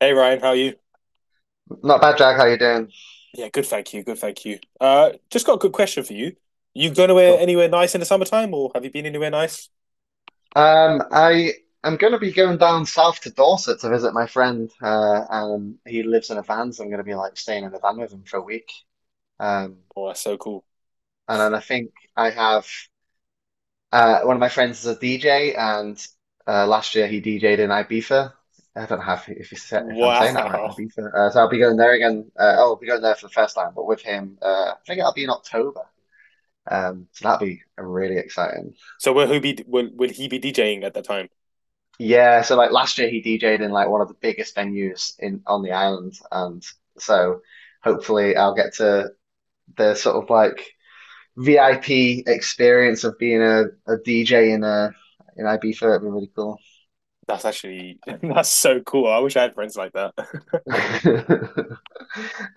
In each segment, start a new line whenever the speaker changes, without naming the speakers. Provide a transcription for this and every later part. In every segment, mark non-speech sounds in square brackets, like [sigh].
Hey Ryan, how are you?
Not bad, Jack. How you doing?
Yeah, good, thank you. Good, thank you. Just got a good question for you. You going anywhere
Cool.
anywhere nice in the summertime, or have you been anywhere nice?
I am going to be going down south to Dorset to visit my friend. He lives in a van, so I'm going to be like staying in a van with him for a week. Um,
Oh, that's so cool.
and then I think I have one of my friends is a DJ, and last year he DJ'd in Ibiza. I don't know if, he said, if I'm saying that right,
Wow.
Ibiza. So I'll be going there again. Oh, I'll be going there for the first time, but with him. I think it'll be in October. So that'll be really exciting.
So will he be will he be DJing at that time?
Yeah, so like last year he DJ'd in like one of the biggest venues in on the island, and so hopefully I'll get to the sort of like VIP experience of being a DJ in Ibiza. It'd be really cool.
That's actually [laughs] that's so cool. I wish I had friends like that. [laughs]
[laughs]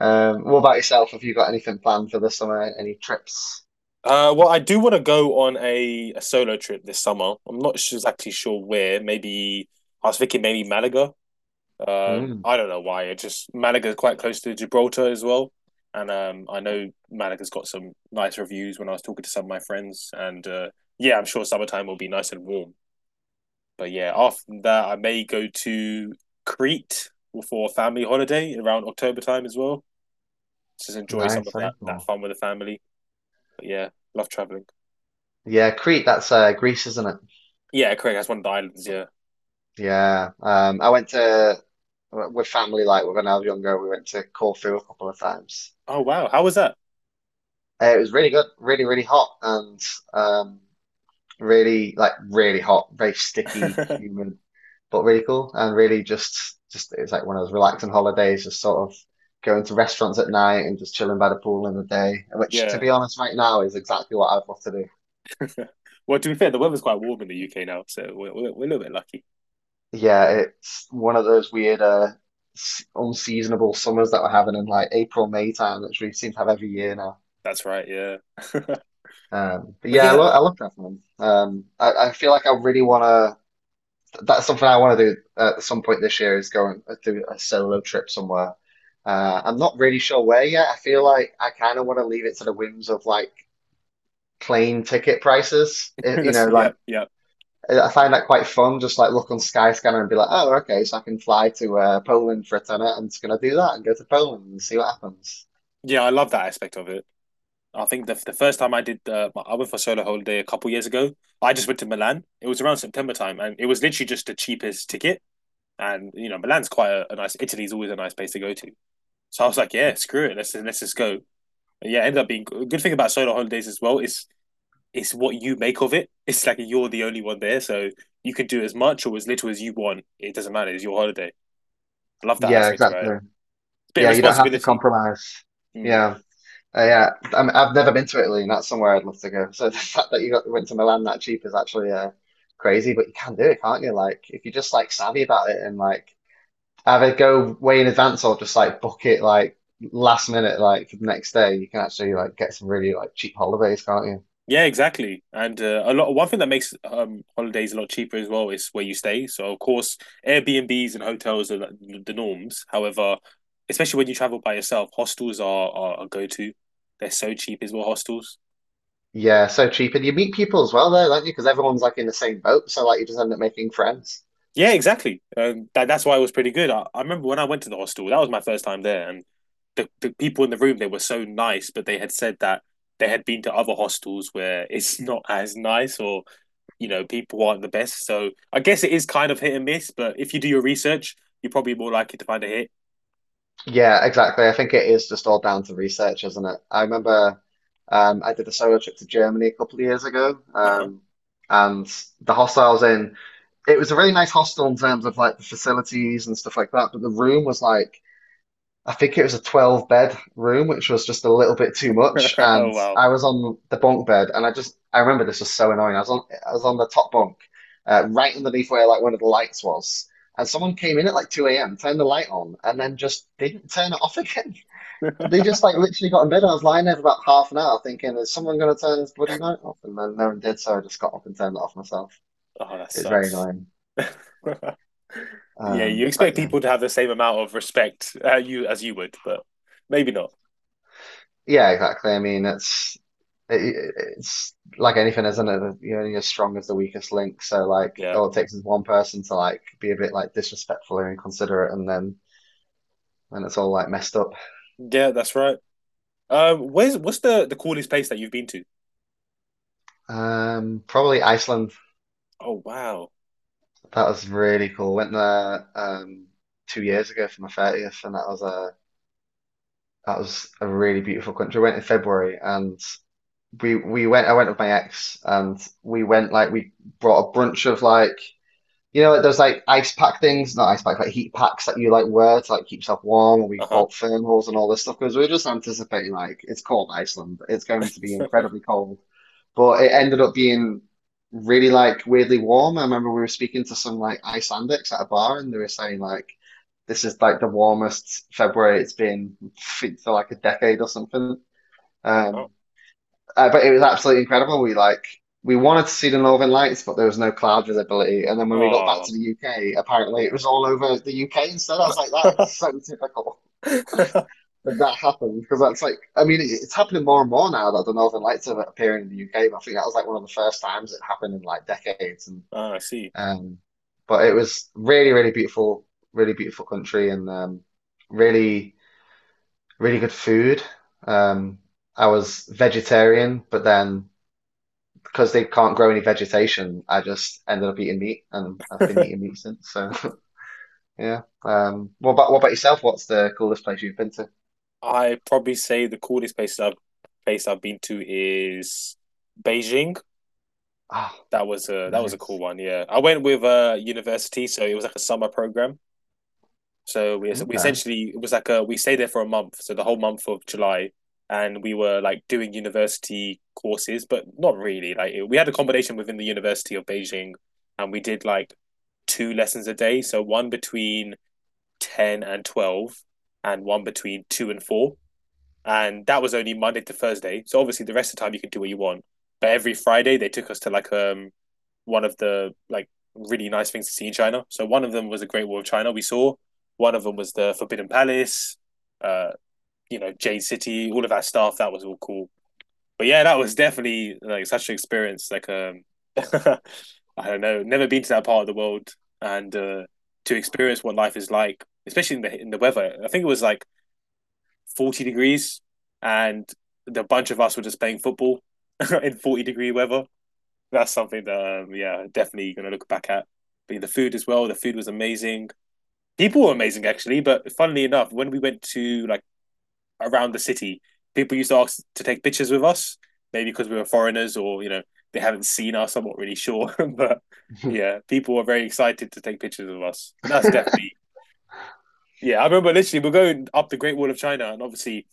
What about yourself? Have you got anything planned for the summer? Any trips?
Well, I do want to go on a solo trip this summer. I'm not su- exactly sure where. Maybe I was thinking maybe Malaga.
Mm,
I don't know why. It just Malaga is quite close to Gibraltar as well, and I know Malaga's got some nice reviews when I was talking to some of my friends. And yeah, I'm sure summertime will be nice and warm. But yeah, after that, I may go to Crete for a family holiday around October time as well. Just enjoy some
nice,
of
very
that
cool.
fun with the family. But yeah, love traveling.
Yeah, Crete, that's Greece, isn't it?
Yeah, Craig, that's one of the islands. Yeah.
Yeah. I went to with family like when I was younger. We went to Corfu a couple of times.
Oh wow, how was that?
It was really good, really, really hot, and um, really hot, very sticky,
[laughs]
humid, but really cool, and really just it was like one of those relaxing holidays, just sort of going to restaurants at night and just chilling by the pool in the day, which to
yeah.
be honest, right now is exactly what I'd love to do.
[laughs] well, to be fair, the weather's quite warm in the UK now, so we're a little bit lucky.
Yeah, it's one of those unseasonable summers that we're having in like April, May time, which we seem to have every year now.
That's right, yeah. [laughs]
But
But
yeah,
yeah,
I love traveling. I feel like I really want to. That's something I want to do at some point this year is go and do a solo trip somewhere. I'm not really sure where yet. I feel like I kind of want to leave it to the whims of like plane ticket prices.
[laughs]
It- you
that's
know,
yeah,
like I find that quite fun. Just like look on Skyscanner and be like, oh, okay, so I can fly to Poland for a tenner. I'm just gonna do that and go to Poland and see what happens.
yeah. I love that aspect of it. I think the first time I did I went for a solo holiday a couple years ago. I just went to Milan. It was around September time, and it was literally just the cheapest ticket. And you know, Milan's quite a nice. Italy's always a nice place to go to. So I was like, yeah, screw it, let's just go. And yeah, it ended up being a good thing about solo holidays as well is it's what you make of it. It's like you're the only one there, so you can do as much or as little as you want. It doesn't matter. It's your holiday. I love that
Yeah,
aspect about it.
exactly.
It's a bit of
Yeah, you don't have to
responsibility.
compromise.
Mm.
Yeah. Uh, yeah, I mean, I've never been to Italy, and that's somewhere I'd love to go. So [laughs] the fact that you got went to Milan that cheap is actually crazy, but you can do it, can't you? Like if you're just like savvy about it and like either go way in advance or just like book it like last minute, like for the next day, you can actually like get some really like cheap holidays, can't you?
Yeah, exactly. And a lot. One thing that makes holidays a lot cheaper as well is where you stay. So of course, Airbnbs and hotels are the norms. However, especially when you travel by yourself, hostels are a go to. They're so cheap as well. Hostels.
Yeah, so cheap, and you meet people as well there, don't you? Because everyone's like in the same boat, so like you just end up making friends.
Yeah, exactly. That's why it was pretty good. I remember when I went to the hostel. That was my first time there, and the people in the room they were so nice, but they had said that they had been to other hostels where it's [laughs] not as nice or you know people aren't the best. So I guess it is kind of hit and miss. But if you do your research, you're probably more likely to find a hit.
Yeah, exactly. I think it is just all down to research, isn't it? I remember. I did a solo trip to Germany a couple of years ago,
Uh-huh.
and the hostel I was in, it was a really nice hostel in terms of like the facilities and stuff like that. But the room was like, I think it was a 12 bed room, which was just a little bit too much.
[laughs] oh
And
wow.
I was on the bunk bed, and I remember this was so annoying. I was on the top bunk, right underneath where like one of the lights was. And someone came in at like 2 a.m., turned the light on, and then just didn't turn it off [laughs] again. They
[laughs]
just like literally got in bed. I was lying there for about half an hour thinking, is someone going to turn this bloody light off? And then no one did, so I just got up and turned it off myself.
oh, that
It's very
sucks.
annoying.
[laughs] yeah, you
Um, but
expect
yeah,
people to have the same amount of respect you as you would, but maybe not.
yeah, exactly. I mean, it, it's like anything, isn't it? You're only as strong as the weakest link. So like,
Yeah,
all it takes is one person to like be a bit like disrespectful or inconsiderate, and then and it's all like messed up.
yeah, that's right. Where's What's the coolest place that you've been to?
Probably Iceland.
Oh wow.
That was really cool. Went there 2 years ago for my 30th, and that was a really beautiful country. I went in February, and we went I went with my ex, and we went like we brought a bunch of like like those like ice pack things, not ice pack, like heat packs that you like wear to like keep yourself warm, and
Uh
we
huh.
bought thermals and all this stuff because we were just anticipating like it's cold Iceland. It's going to be incredibly
[laughs]
cold. But it ended up being really like weirdly warm. I remember we were speaking to some like Icelandics at a bar, and they were saying like this is like the warmest February it's been for like a decade or something.
oh
Um, but it was absolutely incredible. We wanted to see the Northern Lights, but there was no cloud visibility. And then when we got back
wow.
to the UK, apparently it was all over the UK instead. I was like, that is
Oh.
so typical
[laughs]
that that happened, because that's like, I mean, it's happening more and more now that the Northern Lights are appearing in the UK. But I think that was like one of the first times it happened in like decades. And
Ah, I see.
um, but it was really, really beautiful country, and really, really good food. Um, I was vegetarian, but then, because they can't grow any vegetation, I just ended up eating meat, and I've been
[laughs]
eating meat since. So [laughs] yeah. What about what about yourself? What's the coolest place you've been to?
I probably say the coolest place I've been to is Beijing.
Oh,
That was a cool
nice.
one. Yeah, I went with a university, so it was like a summer program. So we
Okay.
essentially it was like a we stayed there for a month, so the whole month of July, and we were like doing university courses, but not really. We had accommodation within the University of Beijing, and we did like two lessons a day, so one between 10 and 12, and one between 2 and 4 and that was only Monday to Thursday. So obviously the rest of the time you could do what you want. But every Friday they took us to like one of the like really nice things to see in China. So one of them was the Great Wall of China we saw. One of them was the Forbidden Palace, uh, you know, Jade City, all of that stuff. That was all cool. But yeah, that was definitely like such an experience. Like [laughs] I don't know, never been to that part of the world and to experience what life is like, especially in the weather. I think it was like 40 degrees and the bunch of us were just playing football [laughs] in 40-degree weather. That's something that, yeah, definitely going to look back at. But the food as well, the food was amazing. People were amazing, actually. But funnily enough, when we went to like around the city, people used to ask to take pictures with us, maybe because we were foreigners or, you know, they haven't seen us. I'm not really sure. [laughs] but yeah, people were very excited to take pictures of us. But that's definitely, yeah, I remember literally we're going up the Great Wall of China and obviously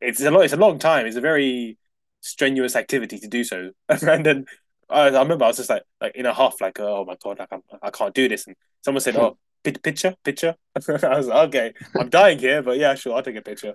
it's a lot. It's a long time. It's a very strenuous activity to do so. [laughs] and then I remember I was just like, in a huff, like, oh my god, I can't do this. And someone said, oh,
[laughs]
picture, picture. [laughs] I was like, okay, I'm dying here, but yeah, sure, I'll take a picture.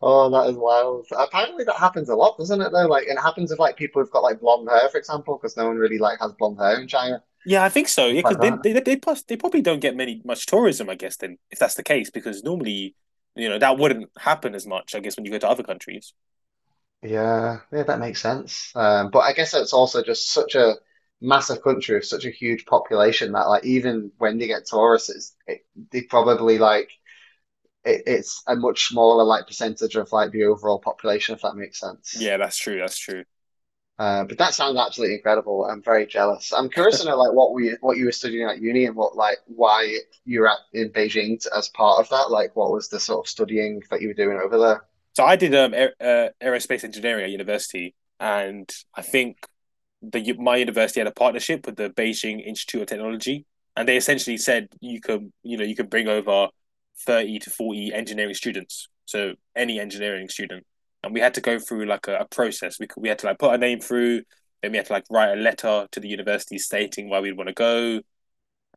Oh, that is wild. Apparently, that happens a lot, doesn't it? Though, like, and it happens with like people who've got like blonde hair, for example, because no one really like has blonde hair in China,
Yeah, I think so.
stuff
Yeah,
like
because
that.
then they probably don't get many much tourism, I guess. Then if that's the case, because normally, you know, that wouldn't happen as much, I guess, when you go to other countries.
Yeah, yeah, that makes sense. But I guess it's also just such a massive country with such a huge population that, like, even when they get tourists, they probably like it's a much smaller like percentage of like the overall population, if that makes sense.
Yeah, that's true. That's true.
But that sounds absolutely incredible. I'm very jealous. I'm curious to know like what you were studying at uni, and what like why you were at in Beijing as part of that. Like what was the sort of studying that you were doing over there?
So I did aerospace engineering at university, and I think the my university had a partnership with the Beijing Institute of Technology, and they essentially said you could you know you could bring over 30 to 40 engineering students, so any engineering student, and we had to go through like a process. We had to like put our name through, then we had to like write a letter to the university stating why we'd want to go,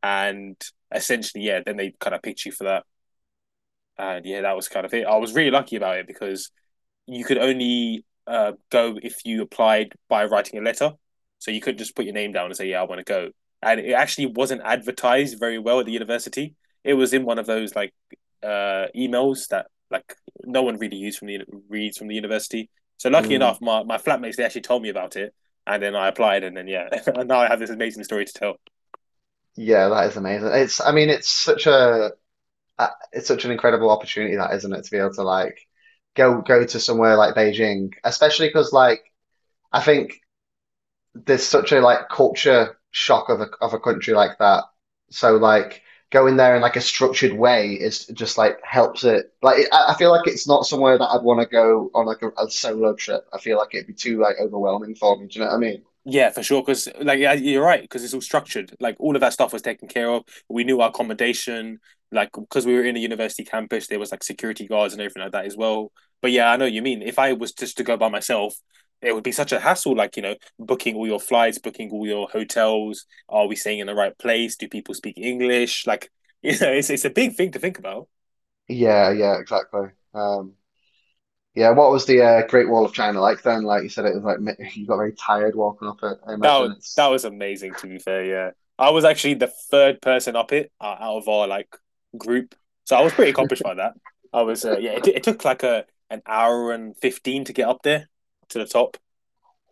and essentially yeah, then they kind of picked you for that, and yeah, that was kind of it. I was really lucky about it because you could only go if you applied by writing a letter. So you could not just put your name down and say, "Yeah, I want to go." And it actually wasn't advertised very well at the university. It was in one of those like emails that like no one really used from the reads from the university. So lucky
Mm,
enough, my flatmates they actually told me about it, and then I applied, and then yeah, [laughs] and now I have this amazing story to tell.
yeah, that is amazing. It's I mean it's such a it's such an incredible opportunity that, isn't it, to be able to like go to somewhere like Beijing, especially because like I think there's such a like culture shock of a country like that. So like going there in like a structured way is just like helps it. I feel like it's not somewhere that I'd want to go on like a solo trip. I feel like it'd be too like overwhelming for me. Do you know what I mean?
Yeah, for sure. Because like yeah, you're right. Because it's all structured. Like all of that stuff was taken care of. We knew our accommodation. Like because we were in a university campus, there was like security guards and everything like that as well. But yeah, I know what you mean. If I was just to go by myself, it would be such a hassle. Like you know, booking all your flights, booking all your hotels. Are we staying in the right place? Do people speak English? Like [laughs] you know, it's a big thing to think about.
Yeah, yeah, exactly. Yeah, what was the Great Wall of China like then? Like you said, it was like [laughs] you got very tired walking up it. I imagine
That
it's
was amazing. To be fair, yeah, I was actually the third person up it out of our like group, so I was pretty accomplished by that. Yeah, it took like a an hour and 15 to get up there to the top.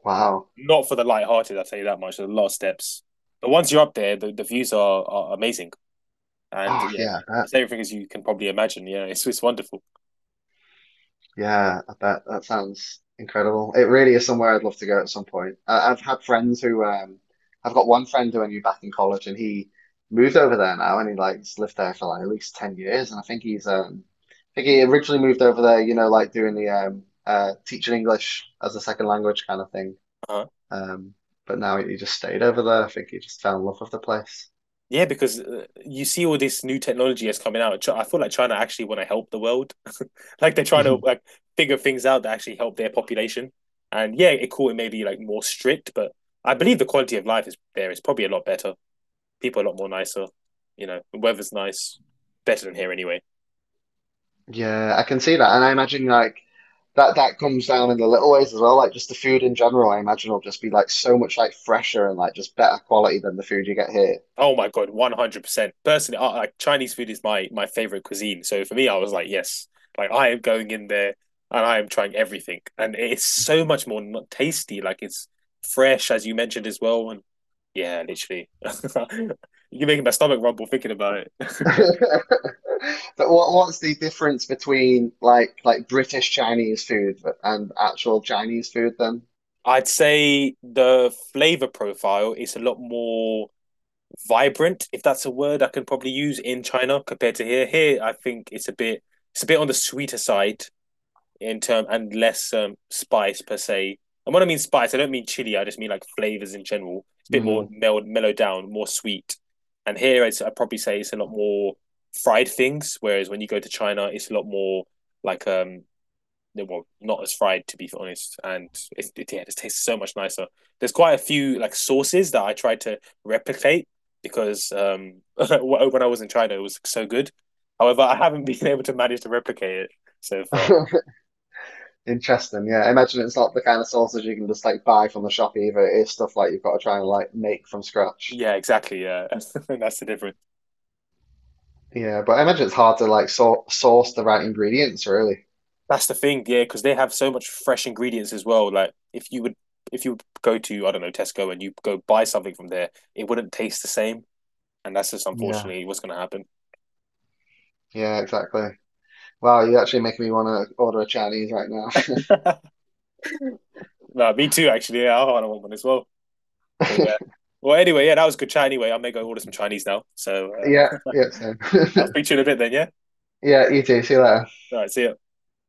wow.
Not for the light-hearted, I'll tell you that much. There's a lot of steps, but once you're up there, the views are amazing, and
Oh
yeah,
yeah, I bet.
it's everything as you can probably imagine. Yeah, it's wonderful.
Yeah, I bet that sounds incredible. It really is somewhere I'd love to go at some point. I've had friends who, I've got one friend who I knew back in college, and he moved over there now, and he's lived there for like at least 10 years, and I think he's, I think he originally moved over there, you know, like doing the teaching English as a second language kind of thing.
Uh-huh.
Um, but now he just stayed over there. I think he just fell in love with the place.
Yeah, because you see all this new technology that's coming out. I feel like China actually want to help the world like they're trying to
[laughs]
like figure things out that actually help their population. And yeah, it cool. It may be like more strict, but I believe the quality of life is there is probably a lot better. People are a lot more nicer. You know, the weather's nice, better than here anyway.
Yeah, I can see that, and I imagine like that that comes down in the little ways as well. Like just the food in general, I imagine will just be like so much like fresher and like just better quality than the food you get here.
Oh my god, 100%. Personally, I, like Chinese food is my favorite cuisine. So for me, I was like, yes, like I am going in there and I am trying everything, and it's so much tasty. Like it's fresh, as you mentioned as well, and yeah, literally, [laughs] you're making my stomach rumble thinking about it. [laughs]
[laughs] But what's the difference between like British Chinese food and actual Chinese food then?
I'd say the flavor profile is a lot more vibrant, if that's a word I can probably use in China compared to here. Here, I think it's a bit on the sweeter side in term and less spice per se. And when I mean spice, I don't mean chili. I just mean like flavors in general. It's a bit more
Hmm.
mellowed down, more sweet. And here, I'd probably say it's a lot more fried things. Whereas when you go to China, it's a lot more like they well, not as fried to be honest, and yeah, it tastes so much nicer. There's quite a few like sauces that I tried to replicate because [laughs] when I was in China, it was so good. However, I haven't [laughs] been able to manage to replicate it so far.
[laughs] Interesting. Yeah, I imagine it's not the kind of sausage you can just like buy from the shop either. It is stuff like you've got to try and like make from scratch.
Yeah, exactly. Yeah, [laughs] that's the difference.
Yeah, but I imagine it's hard to like sor source the right ingredients, really.
That's the thing. Yeah, because they have so much fresh ingredients as well. Like if you would go to I don't know Tesco and you go buy something from there, it wouldn't taste the same. And that's just
Yeah.
unfortunately what's going to happen.
Yeah, exactly. Wow, you're actually making me want to order a Chinese right now. [laughs]
[laughs] No, me too. Actually, yeah, I want one as well. But yeah. Well, anyway, yeah, that was good chat. Anyway, I may go order some Chinese now. So
Yeah, yeah, same.
[laughs] I'll
[laughs]
speak to you in a bit then. Yeah.
Yeah, you too. See you later.
All right. See ya.